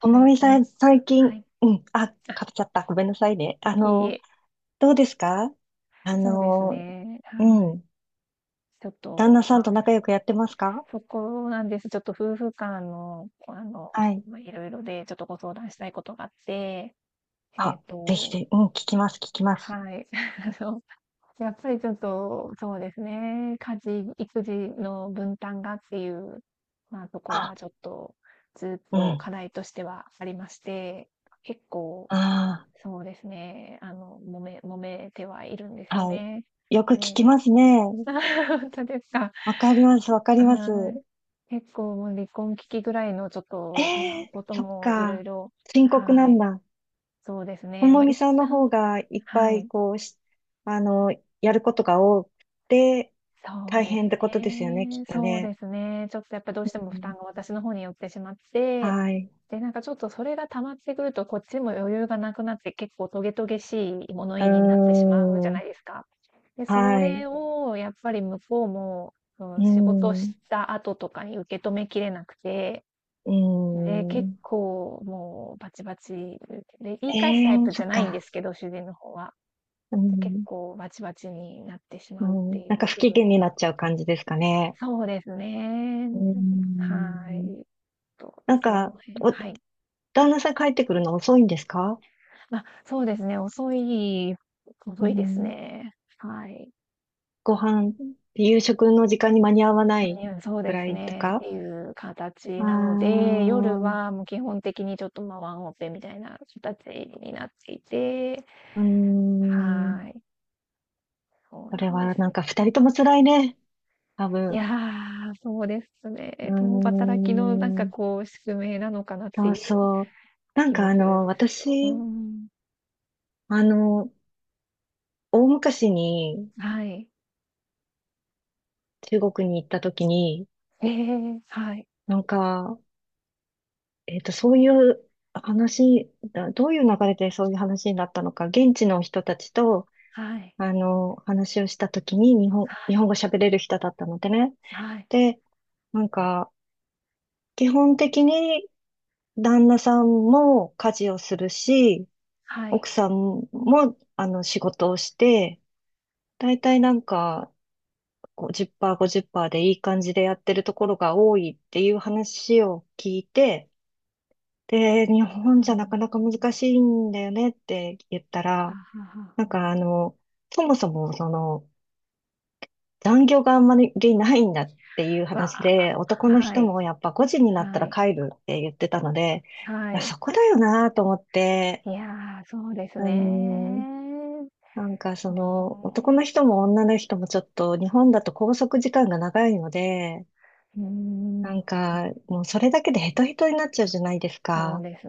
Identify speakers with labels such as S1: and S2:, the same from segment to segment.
S1: とも
S2: 最
S1: みさ
S2: 近、
S1: ん、最近、
S2: はい。
S1: うん、あ、
S2: あ、
S1: かぶっちゃった。ごめんなさいね。
S2: いいえ。
S1: どうですか？あ
S2: そうです
S1: の、
S2: ね。は
S1: う
S2: い。
S1: ん、
S2: ちょっ
S1: 旦
S2: と、
S1: 那さ
S2: ま
S1: ん
S2: あ、
S1: と仲良くやってますか？
S2: そこなんです。ちょっと夫婦間の、あの、
S1: はい。
S2: まあ、いろいろで、ちょっとご相談したいことがあって、えっ
S1: あ、ぜひ
S2: と、
S1: ぜひ、うん、聞きます、聞きます。
S2: はい。あの、やっぱりちょっと、そうですね。家事、育児の分担がっていう、まあ、ところ
S1: あ、
S2: がちょっと、ずっ
S1: う
S2: と課
S1: ん、
S2: 題としてはありまして、結構、
S1: あ
S2: そうですね。揉めてはいるんですよ
S1: あ、は
S2: ね。
S1: い。よく聞き
S2: で、
S1: ます ね。
S2: 本当ですか。
S1: わかります、わかります。
S2: はい。結構もう離婚危機ぐらいのちょっと、ま
S1: え
S2: あ、こ
S1: え、
S2: と
S1: そっ
S2: もいろ
S1: か。
S2: いろ。
S1: 深刻な
S2: は
S1: ん
S2: い、
S1: だ。
S2: そうです
S1: と
S2: ね。ま
S1: も
S2: あ、
S1: み
S2: 一
S1: さんの方
S2: 旦。
S1: がいっ
S2: は
S1: ぱい、
S2: い。
S1: こう、あの、やることが多くて、
S2: そう
S1: 大
S2: で
S1: 変
S2: す
S1: ってことですよね、き
S2: ね。
S1: っと
S2: そうで
S1: ね。
S2: すね。ちょっとやっぱどう
S1: う
S2: しても負担
S1: ん、
S2: が私の方に寄ってしまって、
S1: はい。
S2: で、なんかちょっとそれが溜まってくると、こっちも余裕がなくなって、結構トゲトゲしい物
S1: う
S2: 言いになってしまうじゃ
S1: ー
S2: な
S1: ん。
S2: いですか。で、そ
S1: はい。
S2: れをやっぱり向こうも、うん、
S1: う
S2: 仕事し
S1: ん。
S2: た後とかに受け止めきれなくて、
S1: う
S2: で、結
S1: ん。
S2: 構もうバチバチで、言い
S1: え
S2: 返すタイ
S1: え、
S2: プじ
S1: そ
S2: ゃ
S1: っ
S2: ないんで
S1: か。
S2: すけど、主人の方は。
S1: う
S2: で、結
S1: ん。
S2: 構バチバチになってし
S1: う
S2: まうって
S1: ん。
S2: い
S1: なんか
S2: う
S1: 不
S2: 部
S1: 機
S2: 分
S1: 嫌
S2: を。
S1: になっちゃう感じですかね。
S2: そうですね。
S1: うー
S2: は
S1: ん。
S2: い。と、
S1: なん
S2: その
S1: か、
S2: 辺、はい。
S1: 旦那さん帰ってくるの遅いんですか？
S2: ま、そうですね、遅い
S1: う
S2: 遅いです
S1: ん。
S2: ね。はい。
S1: ご飯、夕食の時間に間に合わな
S2: 間
S1: い
S2: に合うそう
S1: ぐ
S2: で
S1: ら
S2: す
S1: いと
S2: ね、っ
S1: か。
S2: ていう形なの
S1: ああ。
S2: で、夜はもう基本的にちょっと、ま、ワンオペみたいな形になっていて、
S1: うーん。
S2: はい、そう
S1: そ
S2: な
S1: れ
S2: んで
S1: はなん
S2: す。
S1: か二人とも辛いね。多
S2: いや
S1: 分。
S2: ー、そうです
S1: う
S2: ね。共働きのなん
S1: ー
S2: か
S1: ん。
S2: こう、宿命なのかなって
S1: そ
S2: い
S1: う
S2: う
S1: そう。なん
S2: 気
S1: か
S2: もするんですけど。う
S1: 私、
S2: ん。
S1: あの、大昔に
S2: はい。
S1: 中国に行った時に、
S2: ええ、はい。
S1: なんか、そういう話、だどういう流れでそういう話になったのか、現地の人たちと、
S2: はい、
S1: 話をした時に
S2: は
S1: 日本
S2: い、
S1: 語喋れる人だったのでね。
S2: はい、
S1: で、なんか、基本的に旦那さんも家事をするし、
S2: はい。
S1: 奥さんも、仕事をして、大体なんか、50%、50%でいい感じでやってるところが多いっていう話を聞いて、で、日本
S2: うんう
S1: じ
S2: んう
S1: ゃなか
S2: ん、
S1: なか難しいんだよねって言った
S2: は
S1: ら、
S2: あはあ
S1: なん
S2: は
S1: かそもそもその残業があんまりないんだっていう
S2: あ。わ
S1: 話
S2: あ、
S1: で、男の
S2: は
S1: 人
S2: い、
S1: もやっぱ5時になった
S2: は
S1: ら
S2: い、
S1: 帰るって言ってたので、
S2: は
S1: いや、
S2: い。
S1: そこだよなと思って、
S2: いや、そうです
S1: うん、
S2: ね。
S1: なんかその男
S2: そ
S1: の人も女の人もちょっと日本だと拘束時間が長いので、
S2: う。うー
S1: な
S2: ん。
S1: んか、もうそれだけでヘトヘトになっちゃうじゃないです
S2: そう
S1: か。
S2: です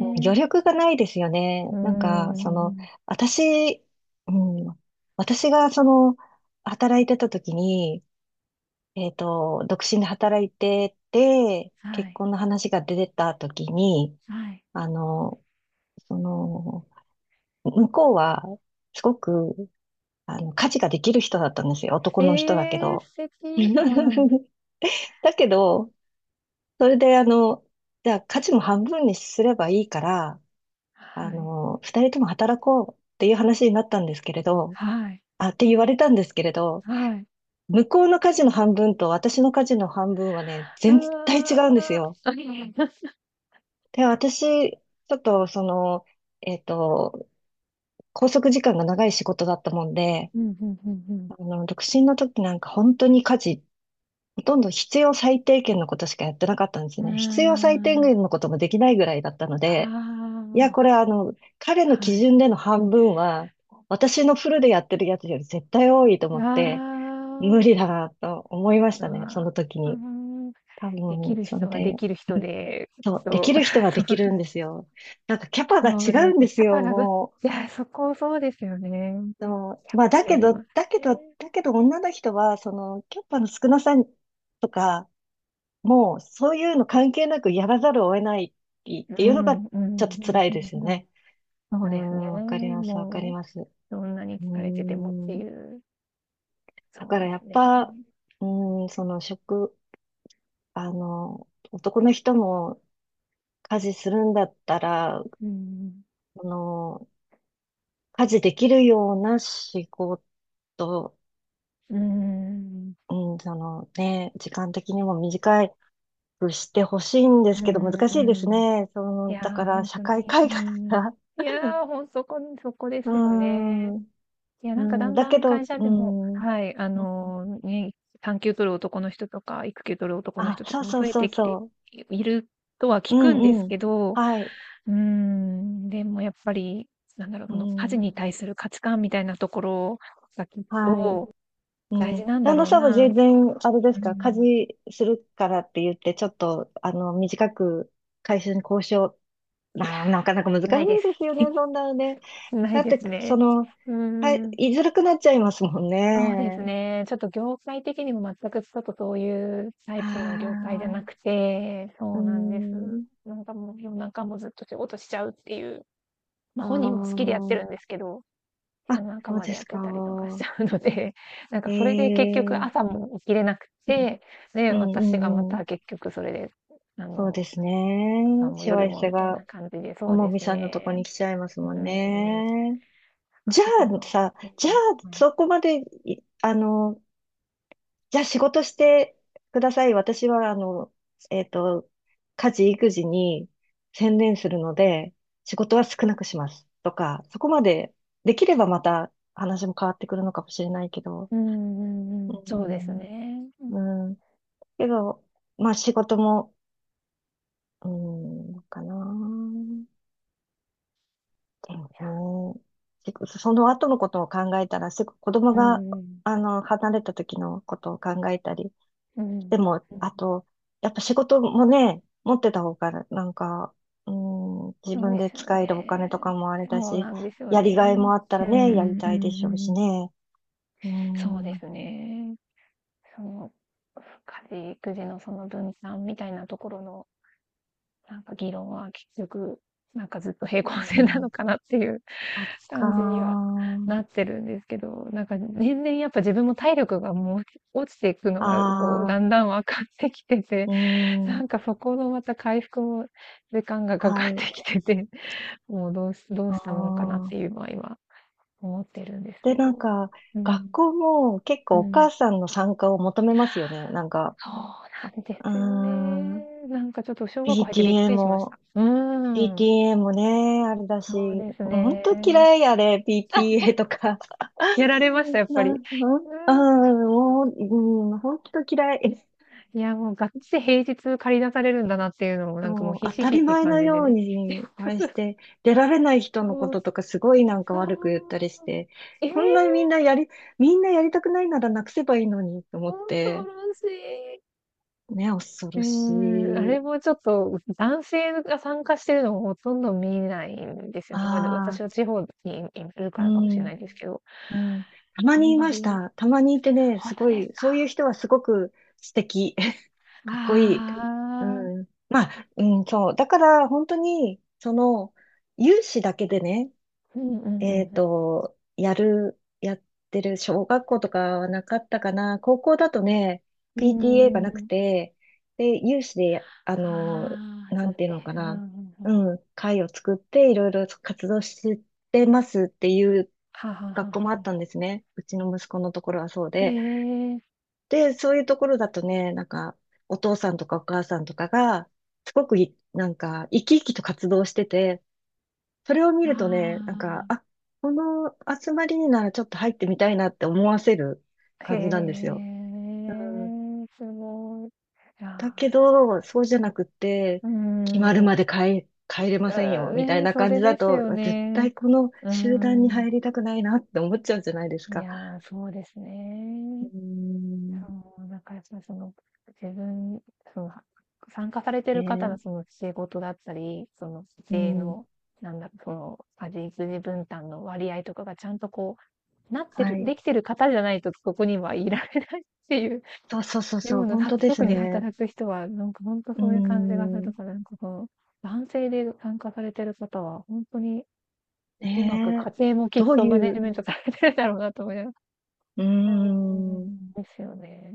S1: うん、余力がないですよね。
S2: うー
S1: なんか、その、
S2: ん。
S1: 私、うん、私がその、働いてた時に、独身で働いてて、
S2: は
S1: 結
S2: い、
S1: 婚の話が出てた時に、
S2: はい。
S1: あの、その、向こうは、すごく、家事ができる人だったんですよ。男
S2: え
S1: の人だけ
S2: え、
S1: ど。
S2: 素敵。はい、
S1: だけど、それで、じゃあ家事も半分にすればいいから、
S2: はい、
S1: 二人とも働こうっていう話になったんですけれど、
S2: はい、
S1: あ、って言われたんですけれど、
S2: はい。
S1: 向こうの家事の半分と私の家事の半分はね、
S2: あ
S1: 全体違うんですよ。
S2: あ。
S1: で、私、ちょっとその、えっと、拘束時間が長い仕事だったもんで、
S2: うん、ふんふんふん。
S1: 独身の時なんか本当に家事、ほとんど必要最低限のことしかやってなかったんです
S2: うー
S1: ね。必要最低
S2: ん。
S1: 限のこともできないぐらいだったの
S2: あ
S1: で、い
S2: あ、
S1: や、これ彼の
S2: は
S1: 基
S2: い。
S1: 準での半分は、
S2: あ
S1: 私のフルでやってるやつより絶対多いと思っ
S2: あ、
S1: て、無理だなと思いましたね、そ
S2: まあ
S1: の時
S2: ー、
S1: に。
S2: あ、
S1: 多
S2: でき
S1: 分、
S2: る
S1: それ
S2: 人はで
S1: で、
S2: きる人で、
S1: そう、で
S2: そう、
S1: きる人はできる んですよ。なんかキャパが
S2: そ
S1: 違
S2: うで
S1: う
S2: す
S1: んで
S2: ね。キ
S1: す
S2: ャパ
S1: よ、
S2: がぐ、
S1: も
S2: いや、そこそうですよね。
S1: う。そ
S2: キ
S1: う、
S2: ャ
S1: まあ、
S2: パ
S1: だ
S2: によ
S1: け
S2: り
S1: ど、
S2: ます
S1: だけど、
S2: ね。
S1: だけど女の人は、その、キャパの少なさとか、もう、そういうの関係なくやらざるを得ないって
S2: う
S1: いうのが、
S2: ん、う
S1: ち
S2: ん、う
S1: ょっと
S2: ん、
S1: 辛い
S2: う
S1: ですよ
S2: ん、うん。
S1: ね。
S2: そ
S1: う
S2: うですね。
S1: ん、わかります、わか
S2: も
S1: り
S2: う、
S1: ます。う
S2: どんなに
S1: ー
S2: 疲れててもって
S1: ん、
S2: いう、
S1: だ
S2: そう
S1: から
S2: で
S1: や
S2: す
S1: っ
S2: ね。
S1: ぱ、うーん、その職、男の人も家事するんだったら、
S2: うん、
S1: その、家事できるような仕事、
S2: うん、
S1: うん、そのね、時間的にも短くしてほしいんで
S2: う
S1: すけど、
S2: ん、
S1: 難しいです
S2: うん。
S1: ね。そ
S2: い
S1: の、
S2: や
S1: だか
S2: ー、ほ
S1: ら
S2: ん
S1: 社
S2: と
S1: 会
S2: に、う
S1: 改革
S2: ん。
S1: が、
S2: い やー、ほんそこそこで
S1: う
S2: す
S1: ー
S2: よね。
S1: ん、
S2: いや、
S1: う
S2: なんかだ
S1: ん、
S2: ん
S1: だ
S2: だ
S1: け
S2: ん会
S1: ど、
S2: 社
S1: う
S2: でも、
S1: ん、
S2: はい、ね、産休取る男の人とか、育休取る男の
S1: あ、
S2: 人と
S1: そ
S2: か
S1: う
S2: も
S1: そう
S2: 増え
S1: そう
S2: てきて
S1: そ
S2: いるとは
S1: う、
S2: 聞
S1: う
S2: くんで
S1: ん
S2: す
S1: うん、
S2: けど、
S1: はい、
S2: うーん、でもやっぱり、なんだろう、
S1: う
S2: この家事
S1: ん、
S2: に対する価値観みたいなところがきっ
S1: はい。
S2: と大
S1: うん。
S2: 事なんだ
S1: 旦那
S2: ろう
S1: さんは
S2: な
S1: 全
S2: と。
S1: 然、あれで
S2: う
S1: すか、家
S2: ん。
S1: 事するからって言って、ちょっと、短く会社に交渉、
S2: いや、
S1: まあ、なかなか難しいで
S2: ないです。
S1: すよね、そんなのね。
S2: な
S1: だ
S2: い
S1: っ
S2: で
S1: て、
S2: す
S1: そ
S2: ね。
S1: の、
S2: う
S1: は
S2: ー
S1: い、
S2: ん。
S1: 言いづらくなっちゃいますもん
S2: そうです
S1: ね。
S2: ね。ちょっと業界的にも全くちょっとそういうタイ
S1: あ
S2: プの業界じゃなく
S1: あ、
S2: て、
S1: う
S2: そうなんです。
S1: ん、
S2: なんかもう夜中もずっと仕事しちゃうっていう、ま、
S1: あ
S2: 本人も好きでやって
S1: ー
S2: るんですけど、夜
S1: あ、
S2: 中
S1: そう
S2: まで
S1: で
S2: や
S1: す
S2: ってたりとかしち
S1: か。
S2: ゃうので、なんかそれで結局
S1: え
S2: 朝
S1: え、
S2: も起きれなく
S1: うん、
S2: て、で、
S1: うん、
S2: 私がま
S1: うんう
S2: た
S1: ん。
S2: 結局それで、あ
S1: そうで
S2: の、
S1: す
S2: 朝
S1: ね。
S2: もう
S1: しわ
S2: 夜
S1: 寄
S2: も
S1: せ
S2: みたい
S1: が、
S2: な感じで、
S1: と
S2: そう
S1: も
S2: で
S1: み
S2: す
S1: さんのとこ
S2: ね。
S1: に来ちゃいます
S2: うん、
S1: もん
S2: なん
S1: ね。
S2: か
S1: じゃ
S2: そこ
S1: あ
S2: の、
S1: さ、
S2: う
S1: じゃあ
S2: ん、はい。
S1: そこまでい、あの、じゃあ仕事してください。私は、えっと、家事、育児に専念するので、仕事は少なくします。とか、そこまでできればまた話も変わってくるのかもしれないけど、
S2: うんうんうん、そうですね。
S1: うん、うん。けど、まあ仕事も、うん、かな。だよね。その後のことを考えたら、すぐ子供
S2: う
S1: が、
S2: ん、
S1: 離れた時のことを考えたり。
S2: うん、うんうん。
S1: でも、あと、やっぱ仕事もね、持ってた方が、なんか、うん、自
S2: そう
S1: 分
S2: で
S1: で
S2: すよ
S1: 使えるお金と
S2: ね。
S1: かもあれだ
S2: そう
S1: し、
S2: なんですよ
S1: やりがい
S2: ね。
S1: もあったら
S2: うんうんう
S1: ね、やり
S2: んう
S1: たいでしょうし
S2: ん。
S1: ね。う
S2: そう
S1: ん、
S2: で
S1: う
S2: すね。その、家事育児のその分担みたいなところの、なんか議論は結局、なんかずっと平行線なの
S1: ん、
S2: かなっていう
S1: そっか
S2: 感じには
S1: ー。
S2: なってるんですけど、なんか年々やっぱ自分も体力がもう落ちていくのがこう
S1: あ
S2: だ
S1: あ、
S2: んだん分かってきてて、
S1: う
S2: な
S1: ん、
S2: んかそこのまた回復も時間がかか
S1: は
S2: って
S1: い。
S2: きてて、もうどう
S1: あ
S2: したもんかなってい
S1: あ。
S2: うのは今思ってるんです
S1: で、
S2: け
S1: なん
S2: ど。
S1: か、
S2: う
S1: 学
S2: ん。
S1: 校も結
S2: う
S1: 構お
S2: ん。
S1: 母さんの参加を求めますよね。なんか、
S2: そうなんで
S1: う
S2: すよね。
S1: ーん、
S2: なんかちょっと小学校入ってびっ
S1: PTA
S2: くりしまし
S1: も、
S2: た。うーん。
S1: PTA もね、あれだ
S2: そ
S1: し、
S2: うです
S1: もう本当
S2: ね。
S1: 嫌いあれ、PTA とか。
S2: やられました、や っぱり。う
S1: なん、なん、うん、もう、うん、本当嫌い。
S2: ん。いや、もうがっつり平日駆り出されるんだなっていうのをなんかもう
S1: そう、
S2: ひ
S1: 当
S2: しひ
S1: た
S2: しっ
S1: り
S2: て
S1: 前
S2: 感
S1: の
S2: じで
S1: よう
S2: ね。
S1: に、あ れして、出られない人のこ
S2: そう、
S1: ととかすごいなんか
S2: そう。
S1: 悪く言ったりして、
S2: ええ、
S1: こんなにみんなやりたくないならなくせばいいのにと思っ
S2: 恐
S1: て、
S2: ろしい。
S1: ね、恐
S2: うー
S1: ろし
S2: ん、あれ
S1: い。
S2: もちょっと、男性が参加してるのをほとんど見ないんですよね。まあ、で、私
S1: ああ、
S2: は地方にいるか
S1: う
S2: らかもしれな
S1: ん、
S2: いですけど、
S1: うん。たま
S2: あん
S1: にい
S2: ま
S1: まし
S2: り。
S1: た。たまにいてね、
S2: 本
S1: す
S2: 当
S1: ご
S2: です
S1: い、そういう
S2: か。
S1: 人はすごく素敵。かっこいい。
S2: あ
S1: う
S2: あ。
S1: ん。まあ、うん、そう。だから、本当に、その、有志だけでね、
S2: うんうんうん
S1: やってる小学校とかはなかったかな。高校だとね、
S2: う
S1: PTA が
S2: ん。う
S1: な
S2: ー
S1: く
S2: ん。
S1: て、で、有志でや、あの、
S2: ああ、集
S1: な
S2: ま
S1: んて
S2: っ
S1: いうの
S2: て。
S1: か
S2: うんうん
S1: な。
S2: うん。
S1: うん、会を作っていろいろ活動してますっていう
S2: はあはあはあ
S1: 学校
S2: は
S1: もあ
S2: あ。
S1: ったんですね。うちの息子のところはそう
S2: え
S1: で。
S2: え。
S1: で、そういうところだとね、なんか、お父さんとかお母さんとかが、すごくい、なんか、生き生きと活動してて、それを見
S2: あ
S1: るとね、なんか、
S2: あ。
S1: あ、この集まりにならちょっと入ってみたいなって思わせる
S2: へ
S1: 感じなんですよ。うん、
S2: え、すごい。い
S1: だ
S2: や
S1: けど、そうじゃなくって、
S2: ー、うー
S1: 決まる
S2: ん、
S1: ま
S2: あ
S1: で帰れません
S2: ー
S1: よ、みたい
S2: ね、
S1: な
S2: そ
S1: 感
S2: れ
S1: じだ
S2: です
S1: と、
S2: よ
S1: 絶
S2: ね。
S1: 対この
S2: うー
S1: 集団に
S2: ん。
S1: 入りたくないなって思っちゃうじゃないです
S2: い
S1: か。
S2: やー、そうです
S1: う
S2: ね。そ
S1: ん、
S2: う、なんからやっぱりその、自分、その、は参加されて
S1: え
S2: る方
S1: ー
S2: のその仕事だったり、その
S1: う
S2: 家庭
S1: ん、
S2: の、なんだろ、その、家事育児分担の割合とかがちゃんとこう、なってる
S1: はい。
S2: できてる方じゃないとそこにはいられないっていう
S1: そうそうそう
S2: よ
S1: そ
S2: う
S1: う、
S2: な、
S1: 本
S2: は
S1: 当です
S2: 特に
S1: ね。
S2: 働く人は、なんかほんと
S1: う
S2: そういう感じがする
S1: ん、
S2: から、なんかこの、男性で参加されてる方はほんとにうまく
S1: ね
S2: 家
S1: え、
S2: 庭もきっ
S1: どう
S2: とマネ
S1: い
S2: ジ
S1: う、
S2: メントされてるだろうなと思います。
S1: う
S2: うー
S1: ん、
S2: ん、ですよね。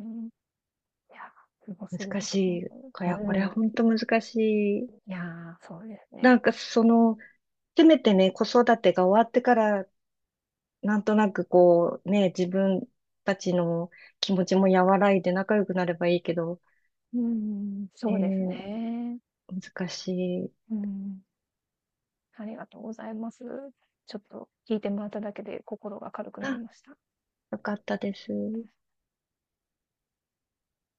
S2: いや、すごすぎ
S1: 難
S2: ます、
S1: し
S2: 本
S1: い。
S2: 当に。
S1: い
S2: う
S1: や、これは
S2: ん。
S1: 本当難しい。
S2: いや、そうですね。
S1: なんかその、せめてね、子育てが終わってから、なんとなくこう、ね、自分たちの気持ちも和らいで仲良くなればいいけど、
S2: うーん、そうです
S1: ね
S2: ね。
S1: え、難しい。
S2: うん、ありがとうございます。ちょっと聞いてもらっただけで心が軽くなり
S1: あ、
S2: ました。
S1: よかったです。